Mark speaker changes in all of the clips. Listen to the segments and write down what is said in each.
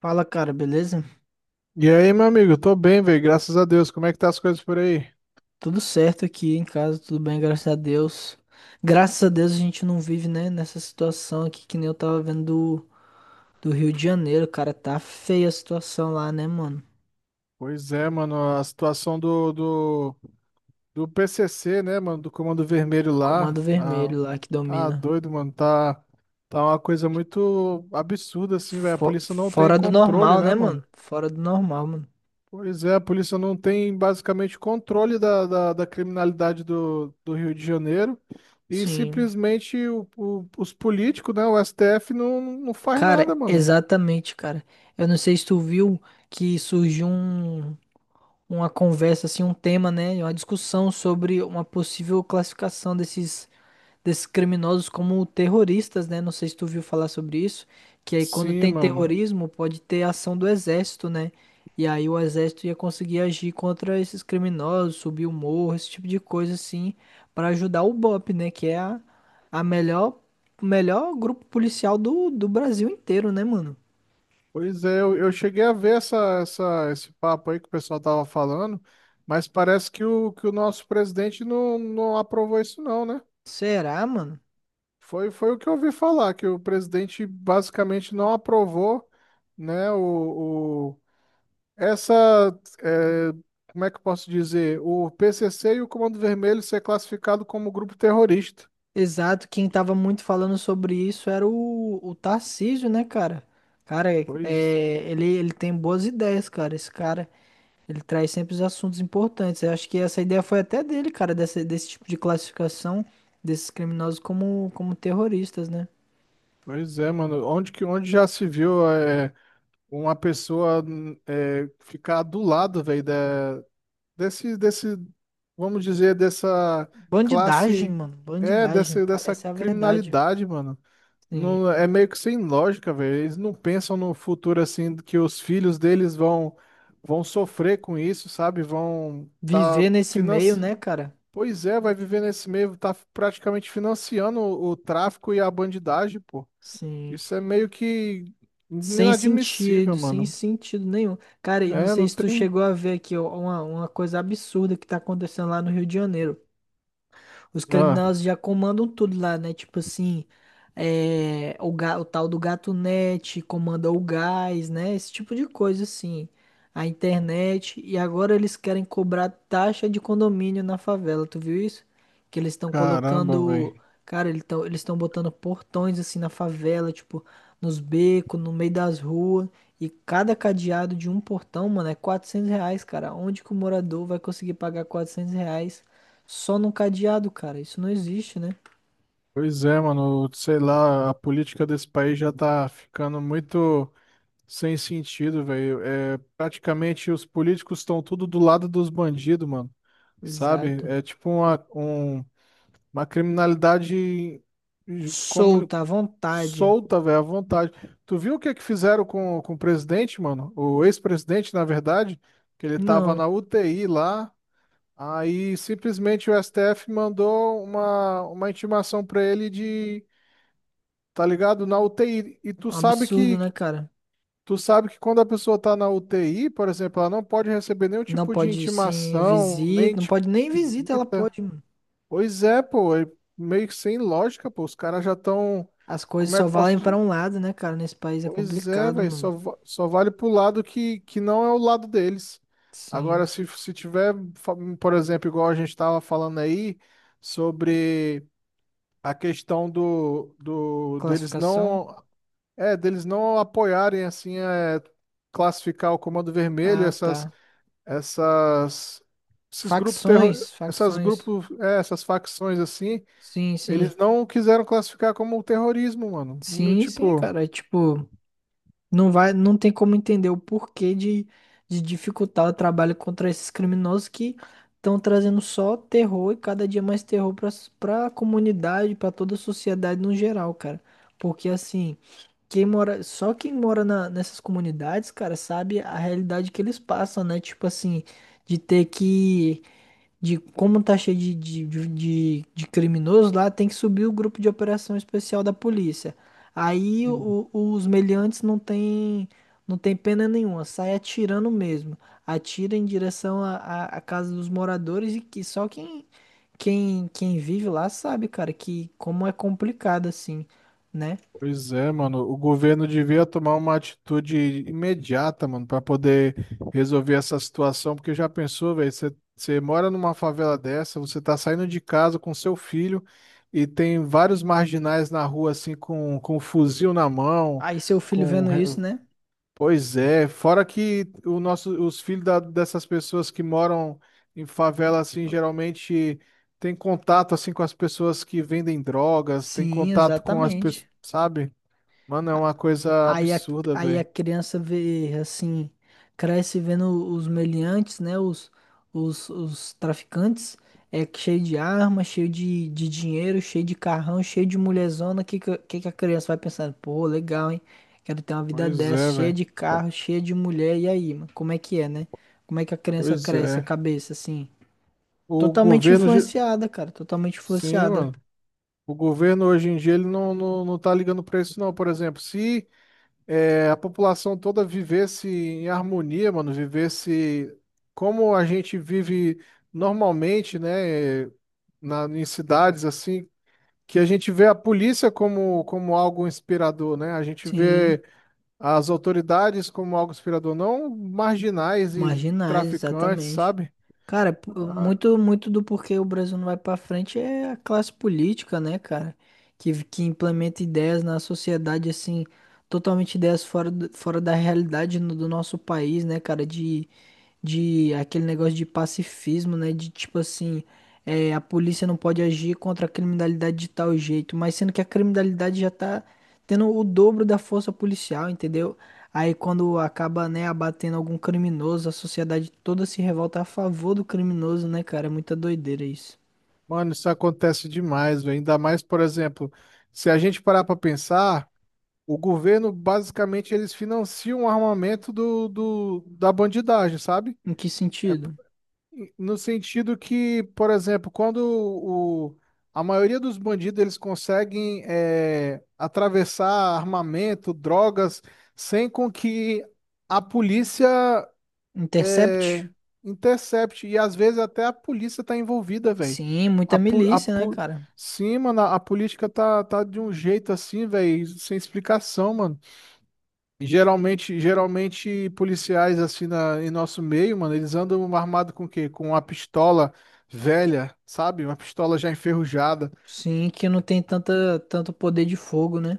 Speaker 1: Fala, cara, beleza?
Speaker 2: E aí, meu amigo, tô bem, velho, graças a Deus. Como é que tá as coisas por aí?
Speaker 1: Tudo certo aqui em casa, tudo bem, graças a Deus. Graças a Deus a gente não vive, né, nessa situação aqui que nem eu tava vendo do Rio de Janeiro, cara. Tá feia a situação lá, né, mano?
Speaker 2: Pois é, mano, a situação do PCC, né, mano, do Comando Vermelho
Speaker 1: Do Comando
Speaker 2: lá,
Speaker 1: Vermelho lá que
Speaker 2: tá
Speaker 1: domina.
Speaker 2: doido, mano, tá uma coisa muito absurda, assim, velho. A polícia não tem
Speaker 1: Fora do
Speaker 2: controle,
Speaker 1: normal,
Speaker 2: né,
Speaker 1: né, mano?
Speaker 2: mano?
Speaker 1: Fora do normal, mano.
Speaker 2: Pois é, a polícia não tem basicamente controle da criminalidade do Rio de Janeiro e
Speaker 1: Sim.
Speaker 2: simplesmente os políticos, né, o STF não faz
Speaker 1: Cara,
Speaker 2: nada, mano.
Speaker 1: exatamente, cara. Eu não sei se tu viu que surgiu uma conversa, assim, um tema, né? Uma discussão sobre uma possível classificação desses criminosos como terroristas, né? Não sei se tu viu falar sobre isso, que aí quando
Speaker 2: Sim,
Speaker 1: tem
Speaker 2: mano.
Speaker 1: terrorismo pode ter ação do exército, né? E aí o exército ia conseguir agir contra esses criminosos, subir o morro, esse tipo de coisa assim, para ajudar o BOP, né? A melhor, o melhor grupo policial do Brasil inteiro, né, mano?
Speaker 2: Pois é, eu cheguei a ver esse papo aí que o pessoal tava falando, mas parece que o nosso presidente não aprovou isso não, né?
Speaker 1: Será, mano?
Speaker 2: Foi o que eu ouvi falar, que o presidente basicamente não aprovou, né, essa, é, como é que eu posso dizer, o PCC e o Comando Vermelho ser classificado como grupo terrorista.
Speaker 1: Exato, quem tava muito falando sobre isso era o Tarcísio, né, cara? Cara,
Speaker 2: Pois,
Speaker 1: é, ele tem boas ideias, cara. Esse cara, ele traz sempre os assuntos importantes. Eu acho que essa ideia foi até dele, cara, desse tipo de classificação desses criminosos como terroristas, né?
Speaker 2: pois é, mano, onde já se viu uma pessoa ficar do lado, velho, desse, desse, vamos dizer, dessa
Speaker 1: Bandidagem,
Speaker 2: classe,
Speaker 1: mano.
Speaker 2: é,
Speaker 1: Bandidagem,
Speaker 2: dessa,
Speaker 1: cara.
Speaker 2: dessa
Speaker 1: Essa é a verdade.
Speaker 2: criminalidade, mano.
Speaker 1: Sim.
Speaker 2: Não, é meio que sem lógica, velho. Eles não pensam no futuro assim, que os filhos deles vão sofrer com isso, sabe?
Speaker 1: Viver nesse meio,
Speaker 2: Finance...
Speaker 1: né, cara?
Speaker 2: Pois é, vai viver nesse meio, tá praticamente financiando o tráfico e a bandidagem, pô.
Speaker 1: Sim.
Speaker 2: Isso é meio que
Speaker 1: Sem
Speaker 2: inadmissível,
Speaker 1: sentido, sem
Speaker 2: mano.
Speaker 1: sentido nenhum. Cara, eu não
Speaker 2: É,
Speaker 1: sei
Speaker 2: não
Speaker 1: se tu
Speaker 2: tem.
Speaker 1: chegou a ver aqui ó, uma coisa absurda que tá acontecendo lá no Rio de Janeiro. Os
Speaker 2: Ah,
Speaker 1: criminosos já comandam tudo lá, né? Tipo assim, é, o tal do gato net comanda o gás, né? Esse tipo de coisa, assim. A internet. E agora eles querem cobrar taxa de condomínio na favela. Tu viu isso? Que eles estão
Speaker 2: caramba,
Speaker 1: colocando.
Speaker 2: velho.
Speaker 1: Cara, eles estão botando portões assim na favela, tipo, nos becos, no meio das ruas. E cada cadeado de um portão, mano, é R$ 400, cara. Onde que o morador vai conseguir pagar R$ 400 só num cadeado, cara. Isso não existe, né?
Speaker 2: Pois é, mano, sei lá, a política desse país já tá ficando muito sem sentido, velho. É, praticamente os políticos estão tudo do lado dos bandidos, mano, sabe?
Speaker 1: Exato.
Speaker 2: É tipo uma criminalidade como
Speaker 1: Solta à vontade.
Speaker 2: solta, velho, à vontade. Tu viu o que é que fizeram com o presidente, mano? O ex-presidente, na verdade, que ele tava
Speaker 1: Não.
Speaker 2: na UTI lá, aí simplesmente o STF mandou uma intimação pra ele de tá ligado? Na UTI. E
Speaker 1: É
Speaker 2: tu
Speaker 1: um
Speaker 2: sabe
Speaker 1: absurdo,
Speaker 2: que
Speaker 1: né, cara?
Speaker 2: tu sabe que quando a pessoa tá na UTI, por exemplo, ela não pode receber nenhum
Speaker 1: Não
Speaker 2: tipo de
Speaker 1: pode sim
Speaker 2: intimação, nem
Speaker 1: visita. Não
Speaker 2: tipo
Speaker 1: pode nem
Speaker 2: de
Speaker 1: visita, ela
Speaker 2: visita.
Speaker 1: pode, mano.
Speaker 2: Pois é, pô, é meio que sem lógica, pô. Os caras já estão.
Speaker 1: As coisas
Speaker 2: Como é
Speaker 1: só
Speaker 2: que eu posso.
Speaker 1: valem pra um lado, né, cara? Nesse país é
Speaker 2: Pois é,
Speaker 1: complicado,
Speaker 2: velho,
Speaker 1: mano.
Speaker 2: só vale pro lado que não é o lado deles.
Speaker 1: Sim.
Speaker 2: Agora, se tiver, por exemplo, igual a gente tava falando aí, sobre a questão do deles
Speaker 1: Classificação?
Speaker 2: não. É, deles não apoiarem assim classificar o Comando Vermelho,
Speaker 1: Ah,
Speaker 2: essas
Speaker 1: tá.
Speaker 2: essas esses grupos terror,
Speaker 1: Facções, facções.
Speaker 2: essas facções assim,
Speaker 1: Sim, sim.
Speaker 2: eles não quiseram classificar como terrorismo, mano. No,
Speaker 1: Sim, sim,
Speaker 2: tipo,
Speaker 1: cara. É tipo. Não vai, não tem como entender o porquê de dificultar o trabalho contra esses criminosos que estão trazendo só terror e cada dia mais terror para a comunidade, para toda a sociedade no geral, cara. Porque assim, só quem mora nessas comunidades, cara, sabe a realidade que eles passam, né? Tipo assim, de ter que de como tá cheio de criminoso lá, tem que subir o grupo de operação especial da polícia. Aí
Speaker 2: hum.
Speaker 1: os meliantes não tem, não tem pena nenhuma, sai atirando mesmo. Atira em direção à casa dos moradores e que só quem vive lá sabe, cara, que como é complicado assim, né?
Speaker 2: Pois é, mano. O governo devia tomar uma atitude imediata, mano, para poder resolver essa situação, porque já pensou, velho, você mora numa favela dessa, você tá saindo de casa com seu filho e tem vários marginais na rua, assim, com um fuzil na mão,
Speaker 1: Aí seu filho
Speaker 2: com...
Speaker 1: vendo
Speaker 2: re-
Speaker 1: isso, né?
Speaker 2: pois é, fora que o nosso, os filhos dessas pessoas que moram em favela, assim, geralmente tem contato, assim, com as pessoas que vendem drogas, tem
Speaker 1: Sim,
Speaker 2: contato com as
Speaker 1: exatamente.
Speaker 2: pessoas, sabe? Mano, é uma coisa
Speaker 1: Aí a,
Speaker 2: absurda,
Speaker 1: aí a
Speaker 2: velho.
Speaker 1: criança vê, assim, cresce vendo os meliantes, né? Os traficantes, é cheio de arma, cheio de dinheiro, cheio de carrão, cheio de mulherzona. Que a criança vai pensando? Pô, legal, hein? Quero ter uma vida
Speaker 2: Pois
Speaker 1: dessa,
Speaker 2: é,
Speaker 1: cheia
Speaker 2: velho.
Speaker 1: de carro, cheia de mulher. E aí, mano, como é que é, né? Como é que a criança
Speaker 2: Pois
Speaker 1: cresce, a
Speaker 2: é.
Speaker 1: cabeça, assim?
Speaker 2: O
Speaker 1: Totalmente
Speaker 2: governo. ge-
Speaker 1: influenciada, cara, totalmente
Speaker 2: Sim,
Speaker 1: influenciada.
Speaker 2: mano. O governo hoje em dia ele não tá ligando pra isso, não. Por exemplo, se a população toda vivesse em harmonia, mano, vivesse como a gente vive normalmente, né? Em cidades assim, que a gente vê a polícia como algo inspirador, né? A gente
Speaker 1: Sim.
Speaker 2: vê. As autoridades, como algo inspirador, não marginais e
Speaker 1: Marginais,
Speaker 2: traficantes,
Speaker 1: exatamente.
Speaker 2: sabe?
Speaker 1: Cara,
Speaker 2: Ah.
Speaker 1: muito, muito do porquê o Brasil não vai pra frente é a classe política, né, cara? Que implementa ideias na sociedade, assim, totalmente ideias fora, fora da realidade do nosso país, né, cara? De aquele negócio de pacifismo, né? De tipo assim, é, a polícia não pode agir contra a criminalidade de tal jeito, mas sendo que a criminalidade já tá tendo o dobro da força policial, entendeu? Aí quando acaba, né, abatendo algum criminoso, a sociedade toda se revolta a favor do criminoso, né, cara? É muita doideira isso.
Speaker 2: Mano, isso acontece demais, velho. Ainda mais, por exemplo, se a gente parar para pensar, o governo, basicamente, eles financiam o armamento da bandidagem, sabe?
Speaker 1: Em que
Speaker 2: É,
Speaker 1: sentido?
Speaker 2: no sentido que, por exemplo, quando a maioria dos bandidos, eles conseguem atravessar armamento, drogas, sem com que a polícia
Speaker 1: Intercept?
Speaker 2: intercept. E às vezes até a polícia tá envolvida, velho.
Speaker 1: Sim, muita
Speaker 2: A, po- a,
Speaker 1: milícia, né,
Speaker 2: po-
Speaker 1: cara?
Speaker 2: Sim, mano, a política tá de um jeito assim, velho, sem explicação, mano. Geralmente policiais assim em nosso meio, mano, eles andam armados com o quê? Com uma pistola velha, sabe? Uma pistola já enferrujada.
Speaker 1: Sim, que não tem tanta, tanto poder de fogo, né?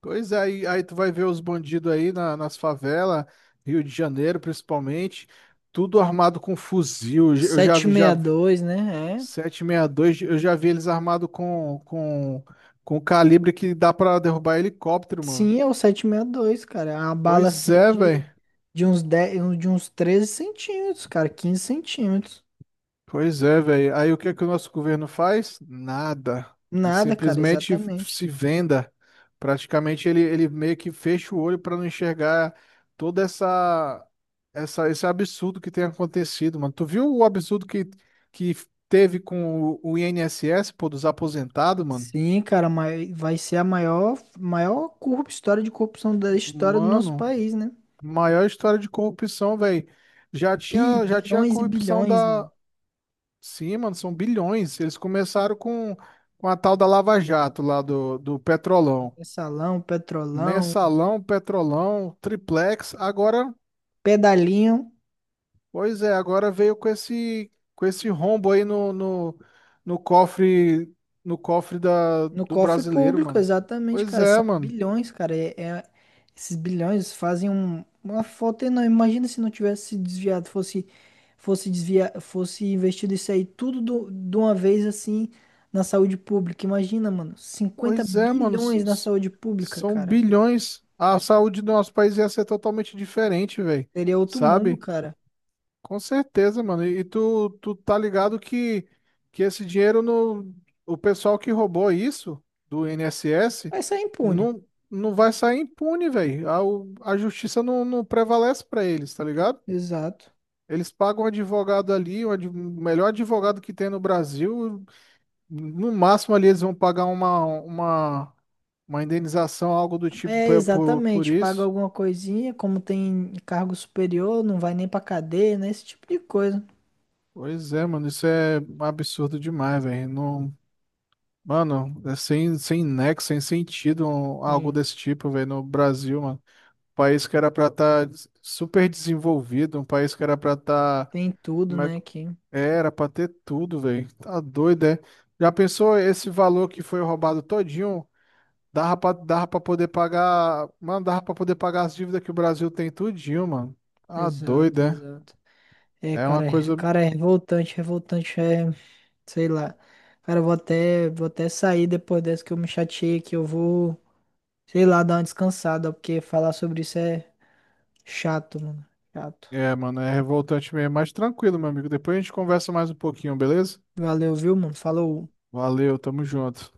Speaker 2: Pois é, aí tu vai ver os bandidos aí nas favelas, Rio de Janeiro principalmente, tudo armado com fuzil. Eu
Speaker 1: sete sessenta
Speaker 2: já
Speaker 1: e
Speaker 2: vi-
Speaker 1: dois né? É.
Speaker 2: Sete e meia dois eu já vi eles armados com, com calibre que dá pra derrubar helicóptero, mano.
Speaker 1: Sim, é o 7.62, cara. É uma bala
Speaker 2: Pois
Speaker 1: assim
Speaker 2: é, velho.
Speaker 1: de uns 10 de uns 13 centímetros, cara, 15 centímetros.
Speaker 2: Pois é, velho. Aí o que é que o nosso governo faz? Nada. Ele
Speaker 1: Nada, cara,
Speaker 2: simplesmente
Speaker 1: exatamente.
Speaker 2: se venda. Praticamente ele meio que fecha o olho para não enxergar toda essa, essa esse absurdo que tem acontecido, mano. Tu viu o absurdo que teve com o INSS, pô, dos aposentados, mano?
Speaker 1: Sim, cara, mas vai ser a maior, história de corrupção da história do nosso
Speaker 2: Mano.
Speaker 1: país, né?
Speaker 2: Maior história de corrupção, velho. Já tinha, já tinha a
Speaker 1: Bilhões e
Speaker 2: corrupção
Speaker 1: bilhões,
Speaker 2: da.
Speaker 1: mano.
Speaker 2: Sim, mano, são bilhões. Eles começaram com a tal da Lava Jato lá do Petrolão.
Speaker 1: Mensalão, petrolão,
Speaker 2: Mensalão, Petrolão, Triplex. Agora,
Speaker 1: pedalinho
Speaker 2: pois é, agora veio com esse rombo aí no cofre, no cofre da,
Speaker 1: no
Speaker 2: do
Speaker 1: cofre
Speaker 2: brasileiro,
Speaker 1: público,
Speaker 2: mano.
Speaker 1: exatamente,
Speaker 2: Pois
Speaker 1: cara.
Speaker 2: é,
Speaker 1: São
Speaker 2: mano.
Speaker 1: bilhões, cara. Esses bilhões fazem uma falta enorme. Imagina se não tivesse se desviado, fosse desviar, fosse investido isso aí tudo de uma vez assim na saúde pública. Imagina, mano, cinquenta
Speaker 2: Pois é, mano.
Speaker 1: bilhões na saúde pública,
Speaker 2: São
Speaker 1: cara.
Speaker 2: bilhões. A saúde do nosso país ia ser totalmente diferente, velho.
Speaker 1: Seria outro mundo,
Speaker 2: Sabe?
Speaker 1: cara.
Speaker 2: Com certeza, mano. E tu tá ligado que esse dinheiro no. O pessoal que roubou isso do INSS
Speaker 1: Vai sair impune.
Speaker 2: não, não vai sair impune, velho. A justiça não prevalece pra eles, tá ligado?
Speaker 1: Exato.
Speaker 2: Eles pagam um advogado ali, o melhor advogado que tem no Brasil. No máximo ali eles vão pagar uma indenização, algo do tipo
Speaker 1: É,
Speaker 2: por
Speaker 1: exatamente. Paga
Speaker 2: isso.
Speaker 1: alguma coisinha, como tem cargo superior, não vai nem pra cadeia, né? Esse tipo de coisa.
Speaker 2: Pois é, mano, isso é absurdo demais, velho. Não, mano, é sem nexo, sem sentido algo
Speaker 1: Sim.
Speaker 2: desse tipo, velho, no Brasil, mano. Um país que era pra estar super desenvolvido, um país que era pra estar.
Speaker 1: Tem tudo,
Speaker 2: Como é
Speaker 1: né,
Speaker 2: que.
Speaker 1: aqui.
Speaker 2: Era pra ter tudo, velho. Tá doido, é? Já pensou esse valor que foi roubado todinho? Dava pra poder pagar. Mano, dava pra poder pagar as dívidas que o Brasil tem tudinho, mano. Tá
Speaker 1: Exato,
Speaker 2: doido, é?
Speaker 1: exato. É,
Speaker 2: É uma
Speaker 1: cara,
Speaker 2: coisa.
Speaker 1: cara, é revoltante, revoltante, é, sei lá. Cara, eu vou até sair depois dessa que eu me chateei, que eu vou, sei lá, dar uma descansada, porque falar sobre isso é chato, mano. Chato.
Speaker 2: É, mano, é revoltante mesmo, mas tranquilo, meu amigo. Depois a gente conversa mais um pouquinho, beleza?
Speaker 1: Valeu, viu, mano? Falou.
Speaker 2: Valeu, tamo junto.